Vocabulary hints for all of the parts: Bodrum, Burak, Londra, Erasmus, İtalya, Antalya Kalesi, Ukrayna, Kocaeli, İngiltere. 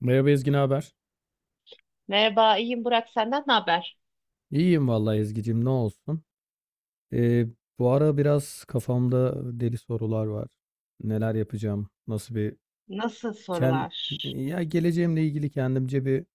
Merhaba Ezgi, ne haber? Merhaba, iyiyim Burak. Senden ne haber? İyiyim vallahi Ezgi'cim, ne olsun. Ee, bu ara biraz kafamda deli sorular var. Neler yapacağım? Nasıl bir Nasıl ken sorular? ya geleceğimle ilgili kendimce bir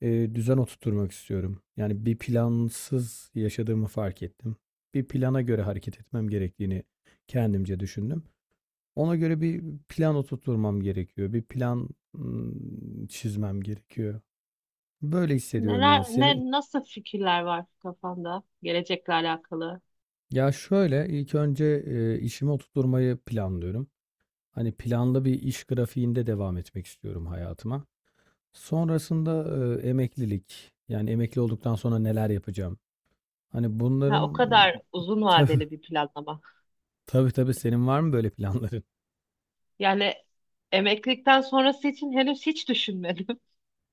düzen oturtmak istiyorum. Yani bir plansız yaşadığımı fark ettim. Bir plana göre hareket etmem gerektiğini kendimce düşündüm. Ona göre bir plan oturtmam gerekiyor. Bir çizmem gerekiyor. Böyle hissediyorum Neler, ya. Senin… nasıl fikirler var kafanda gelecekle alakalı? Ya şöyle, ilk önce, işimi oturtturmayı planlıyorum. Hani planlı bir iş grafiğinde devam etmek istiyorum hayatıma. Sonrasında, emeklilik, yani emekli olduktan sonra neler yapacağım? Hani Ha, o bunların kadar uzun Tabii, vadeli bir planlama. tabii, tabii. Senin var mı böyle planların? Yani emeklilikten sonrası için henüz hiç düşünmedim.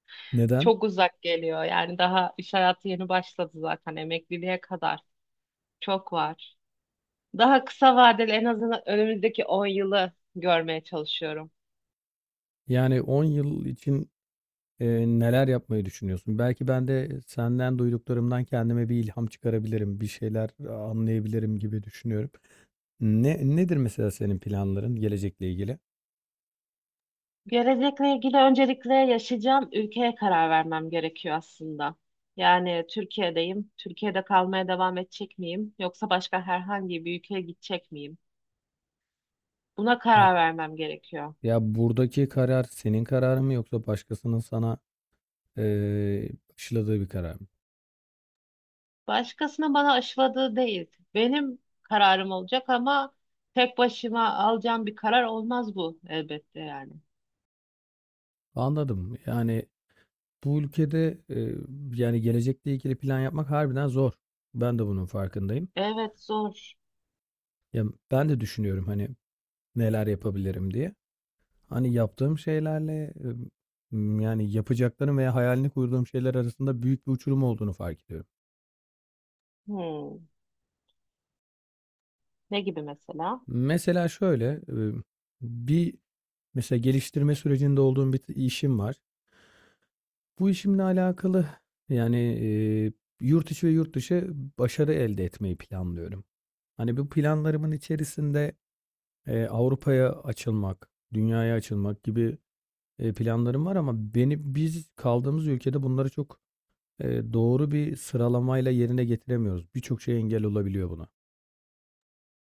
Neden? Çok uzak geliyor. Yani daha iş hayatı yeni başladı zaten emekliliğe kadar. Çok var. Daha kısa vadeli en azından önümüzdeki 10 yılı görmeye çalışıyorum. Yani 10 yıl için, neler yapmayı düşünüyorsun? Belki ben de senden duyduklarımdan kendime bir ilham çıkarabilirim, bir şeyler anlayabilirim gibi düşünüyorum. Ne nedir mesela senin planların gelecekle ilgili? Gelecekle ilgili öncelikle yaşayacağım ülkeye karar vermem gerekiyor aslında. Yani Türkiye'deyim. Türkiye'de kalmaya devam edecek miyim? Yoksa başka herhangi bir ülkeye gidecek miyim? Buna karar vermem gerekiyor. Ya buradaki karar senin kararın mı yoksa başkasının sana eee aşıladığı bir karar mı? Başkasının bana aşıladığı değil. Benim kararım olacak ama tek başıma alacağım bir karar olmaz bu elbette yani. Anladım. Yani bu ülkede yani gelecekle ilgili plan yapmak harbiden zor. Ben de bunun farkındayım. Evet zor. Ya ben de düşünüyorum hani neler yapabilirim diye. Hani yaptığım şeylerle yani yapacaklarım veya hayalini kurduğum şeyler arasında büyük bir uçurum olduğunu fark ediyorum. Hmm. Ne gibi mesela? Mesela şöyle bir mesela geliştirme sürecinde olduğum işim var. Bu işimle alakalı yani, yurt içi ve yurt dışı başarı elde etmeyi planlıyorum. Hani bu planlarımın içerisinde, Avrupa'ya açılmak, dünyaya açılmak gibi, planlarım var ama biz kaldığımız ülkede bunları çok, doğru bir sıralamayla yerine getiremiyoruz. Birçok şey engel olabiliyor buna.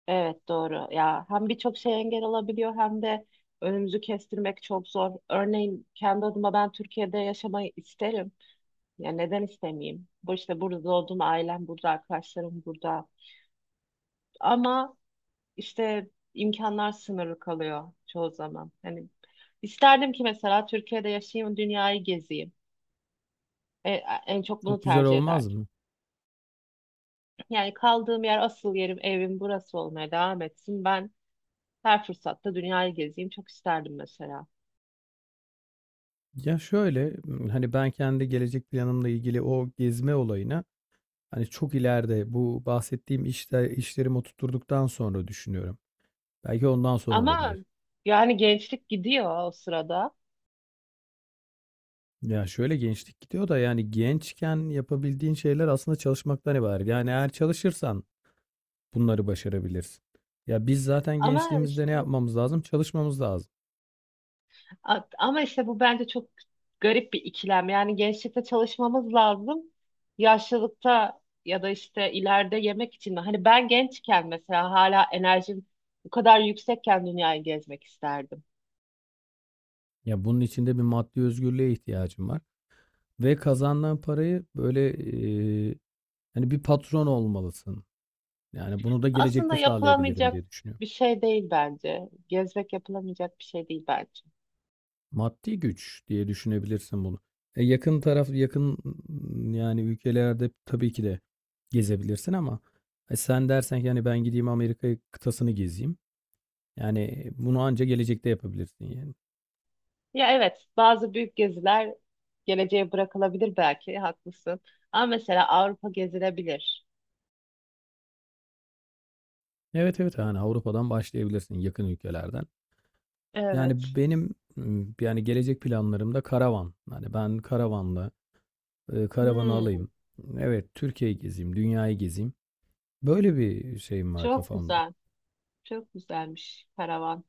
Evet doğru. Ya hem birçok şey engel olabiliyor hem de önümüzü kestirmek çok zor. Örneğin kendi adıma ben Türkiye'de yaşamayı isterim. Ya neden istemeyeyim? Bu işte burada doğdum, ailem burada, arkadaşlarım burada. Ama işte imkanlar sınırlı kalıyor çoğu zaman. Hani isterdim ki mesela Türkiye'de yaşayayım, dünyayı gezeyim. E, en çok bunu Çok güzel tercih olmaz ederdim. mı? Yani kaldığım yer, asıl yerim, evim burası olmaya devam etsin. Ben her fırsatta dünyayı gezeyim çok isterdim mesela. Ya şöyle, hani ben kendi gelecek planımla ilgili o gezme olayına… Hani çok ileride bu bahsettiğim işte işlerimi oturttuktan sonra düşünüyorum. Belki ondan sonra Ama olabilir. yani gençlik gidiyor o sırada. Ya şöyle gençlik gidiyor da yani gençken yapabildiğin şeyler aslında çalışmaktan ibaret. Yani eğer çalışırsan bunları başarabilirsin. Ya biz zaten Ama gençliğimizde ne işte yapmamız lazım? Çalışmamız lazım. Ama işte bu bence çok garip bir ikilem. Yani gençlikte çalışmamız lazım. Yaşlılıkta ya da işte ileride yemek için mi? Hani ben gençken mesela hala enerjim bu kadar yüksekken dünyayı gezmek isterdim. Ya bunun içinde bir maddi özgürlüğe ihtiyacım var. Ve kazandığın parayı böyle e, hani bir patron olmalısın. Yani bunu da gelecekte Aslında sağlayabilirim yapılamayacak diye düşünüyorum. bir şey değil bence. Gezmek yapılamayacak bir şey değil bence. Maddi güç diye düşünebilirsin bunu. Yakın taraf yani ülkelerde tabii ki de gezebilirsin ama sen dersen ki hani ben gideyim Amerika kıtasını gezeyim. Yani bunu anca gelecekte yapabilirsin yani. Ya evet, bazı büyük geziler geleceğe bırakılabilir belki, haklısın. Ama mesela Avrupa gezilebilir. Evet, evet, yani Avrupa'dan başlayabilirsin yakın ülkelerden. Yani Evet. Yani gelecek planlarımda karavan. Hani ben karavanla karavanı Hmm, alayım. Evet, Türkiye'yi gezeyim, dünyayı gezeyim. Böyle bir şeyim var çok kafamda. güzel. Çok güzelmiş karavan.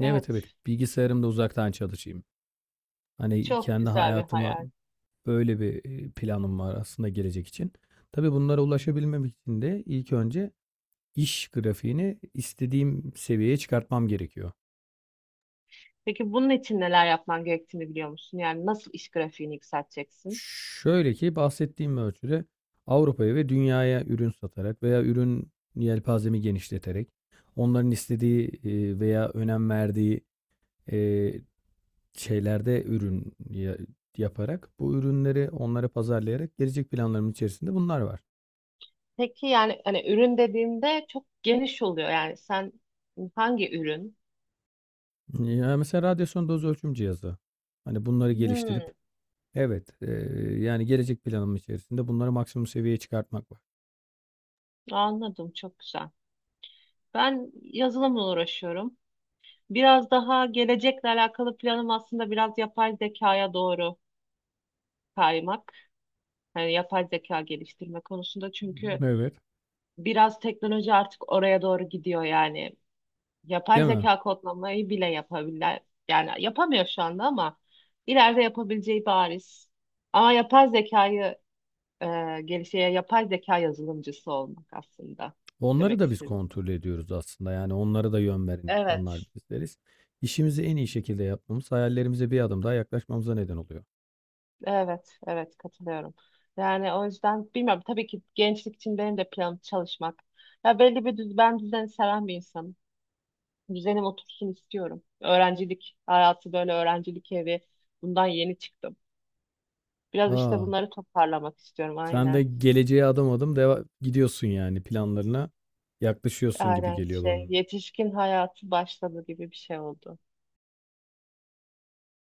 Evet, evet, Evet. bilgisayarımda uzaktan çalışayım. Hani Çok kendi güzel bir hayatıma hayal. böyle bir planım var aslında gelecek için. Tabii bunlara ulaşabilmem için de ilk önce iş grafiğini istediğim seviyeye çıkartmam gerekiyor. Peki bunun için neler yapman gerektiğini biliyor musun? Yani nasıl iş grafiğini yükselteceksin? Şöyle ki bahsettiğim ölçüde Avrupa'ya ve dünyaya ürün satarak veya ürün yelpazemi genişleterek onların istediği veya önem verdiği e, şeylerde yaparak bu ürünleri onlara pazarlayarak gelecek planlarımın içerisinde bunlar var. Peki yani hani ürün dediğimde çok geniş oluyor. Yani sen hangi ürün? Ya, mesela radyasyon doz ölçüm cihazı. Hani, bunları geliştirip Hmm, evet, yani, gelecek planım içerisinde bunları maksimum seviyeye çıkartmak var. anladım çok güzel. Ben yazılımla uğraşıyorum. Biraz daha gelecekle alakalı planım aslında biraz yapay zekaya doğru kaymak. Yani yapay zeka geliştirme konusunda çünkü Evet. biraz teknoloji artık oraya doğru gidiyor yani. Yapay Değil mi? zeka kodlamayı bile yapabilir. Yani yapamıyor şu anda ama ileride yapabileceği bariz. Ama yapay zekayı e, gelişe yapay zeka yazılımcısı olmak aslında Onları demek da biz istedim. kontrol ediyoruz aslında, yani, onlara da yön veren insanlar Evet. bizleriz. İşimizi en iyi şekilde yapmamız hayallerimize bir adım daha yaklaşmamıza neden oluyor. Evet, evet katılıyorum. Yani o yüzden bilmiyorum tabii ki gençlik için benim de planım çalışmak. Ya belli bir ben düzeni seven bir insanım. Düzenim otursun istiyorum. Öğrencilik hayatı böyle öğrencilik evi bundan yeni çıktım. Biraz işte A! bunları toparlamak istiyorum Sen de aynen. geleceğe adım adım deva gidiyorsun, yani, planlarına yaklaşıyorsun gibi Aynen geliyor. şey yetişkin hayatı başladı gibi bir şey oldu.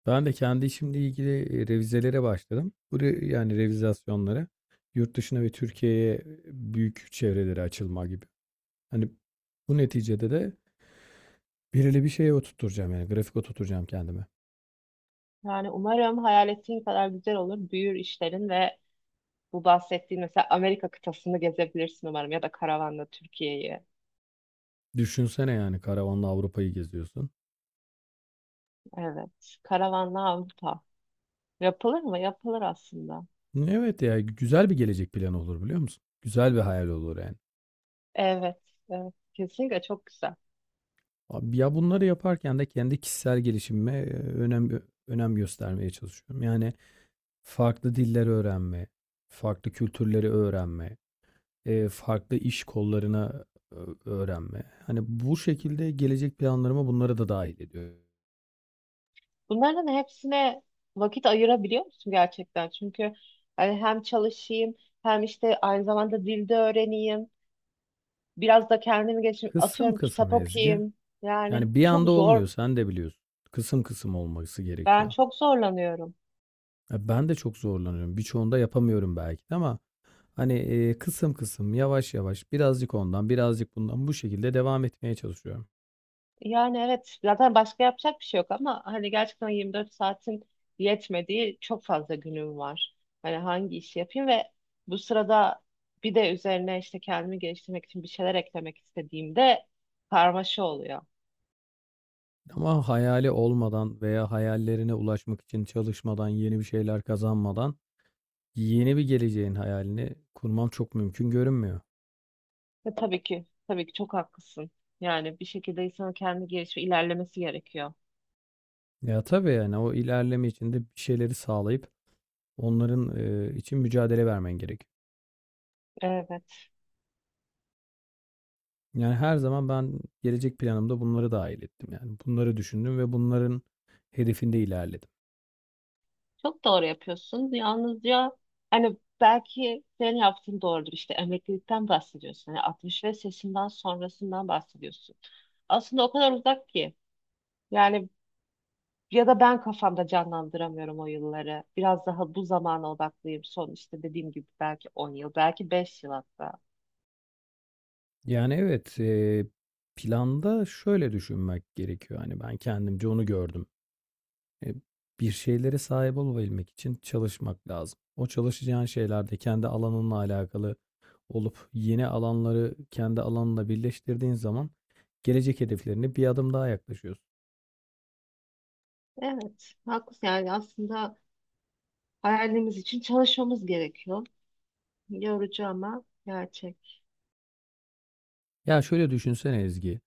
Ben de kendi işimle ilgili, revizelere başladım. Bu re yani revizasyonlara. Yurt dışına ve Türkiye'ye büyük çevrelere açılma gibi. Hani, bu neticede de belirli bir şeye oturtacağım yani, grafik oturtacağım kendime. Yani umarım hayal ettiğin kadar güzel olur. Büyür işlerin ve bu bahsettiğin mesela Amerika kıtasını gezebilirsin umarım ya da karavanla Türkiye'yi. Düşünsene, yani, karavanla Avrupa'yı geziyorsun. Evet. Karavanlı Avrupa. Yapılır mı? Yapılır aslında. Evet, ya, güzel bir gelecek planı olur, biliyor musun? Güzel bir hayal olur, yani. Evet. Evet. Kesinlikle çok güzel. Ab ya, bunları yaparken de kendi kişisel gelişimime, önem göstermeye çalışıyorum. Yani, farklı diller öğrenme, farklı kültürleri öğrenme, farklı iş kollarına öğrenme. Hani, bu şekilde gelecek planlarıma bunları da dâhil ediyorum. Bunların hepsine vakit ayırabiliyor musun gerçekten? Çünkü hani hem çalışayım hem işte aynı zamanda dilde öğreneyim. Biraz da kendimi geçireyim. Kısım Atıyorum kısım kitap Ezgi. okuyayım. Yani Yani, bir çok anda zor. olmuyor, sen de biliyorsun. Kısım kısım olması Ben gerekiyor. çok zorlanıyorum. Ya, ben de çok zorlanıyorum. Birçoğunda yapamıyorum belki de ama, hani, kısım kısım, yavaş yavaş, birazcık ondan, birazcık bundan bu şekilde devam etmeye çalışıyorum. Yani evet zaten başka yapacak bir şey yok ama hani gerçekten 24 saatin yetmediği çok fazla günüm var. Hani hangi işi yapayım ve bu sırada bir de üzerine işte kendimi geliştirmek için bir şeyler eklemek istediğimde karmaşa oluyor. Ama hayali olmadan veya hayallerine ulaşmak için çalışmadan, yeni bir şeyler kazanmadan yeni bir geleceğin hayalini kurmam çok mümkün görünmüyor. Ve tabii ki tabii ki çok haklısın. Yani bir şekilde insanın kendi gelişimi ilerlemesi gerekiyor. Ya tabii yani o ilerleme içinde bir şeyleri sağlayıp onların için mücadele vermen gerek. Evet. Yani her zaman ben gelecek planımda bunları dahil ettim. Yani bunları düşündüm ve bunların hedefinde ilerledim. Çok doğru yapıyorsun. Yalnızca hani belki senin yaptığın doğrudur. İşte emeklilikten bahsediyorsun. Hani 65 yaşından sonrasından bahsediyorsun. Aslında o kadar uzak ki. Yani ya da ben kafamda canlandıramıyorum o yılları. Biraz daha bu zamana odaklıyım. Son işte dediğim gibi belki 10 yıl, belki 5 yıl hatta. Yani evet planda şöyle düşünmek gerekiyor. Hani ben kendimce onu gördüm. E, bir şeylere sahip olabilmek için çalışmak lazım. O çalışacağın şeylerde kendi alanınla alakalı olup yeni alanları kendi alanla birleştirdiğin zaman gelecek hedeflerine bir adım daha yaklaşıyorsun. Evet, haklısın. Yani aslında hayalimiz için çalışmamız gerekiyor. Yorucu ama gerçek. Ya şöyle düşünsene Ezgi.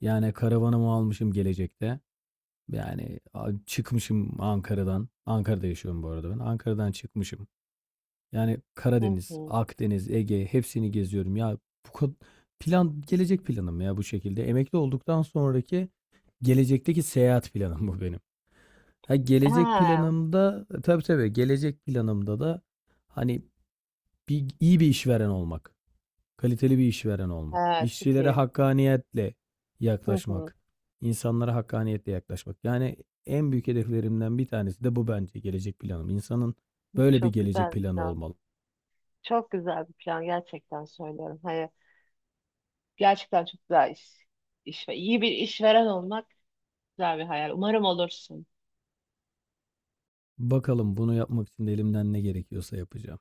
Yani karavanımı almışım gelecekte. Yani çıkmışım Ankara'dan. Ankara'da yaşıyorum bu arada ben. Ankara'dan çıkmışım. Yani Hı Karadeniz, hı. Akdeniz, Ege hepsini geziyorum. Ya bu kad- plan gelecek planım ya bu şekilde. Emekli olduktan sonraki gelecekteki seyahat planım bu benim. Ha gelecek Ha, planımda tabii, tabii, gelecek planımda da hani bir, iyi bir işveren olmak, kaliteli bir işveren olmak, evet, çok işçilere iyi. hakkaniyetle Hı hı. yaklaşmak, insanlara hakkaniyetle yaklaşmak. Yani en büyük hedeflerimden bir tanesi de bu bence gelecek planım. İnsanın böyle bir Çok gelecek güzel bir planı plan. olmalı. Çok güzel bir plan gerçekten söylüyorum. Hani gerçekten çok güzel iş. İş ve iyi bir işveren olmak güzel bir hayal. Umarım olursun. Bakalım bunu yapmak için elimden ne gerekiyorsa yapacağım.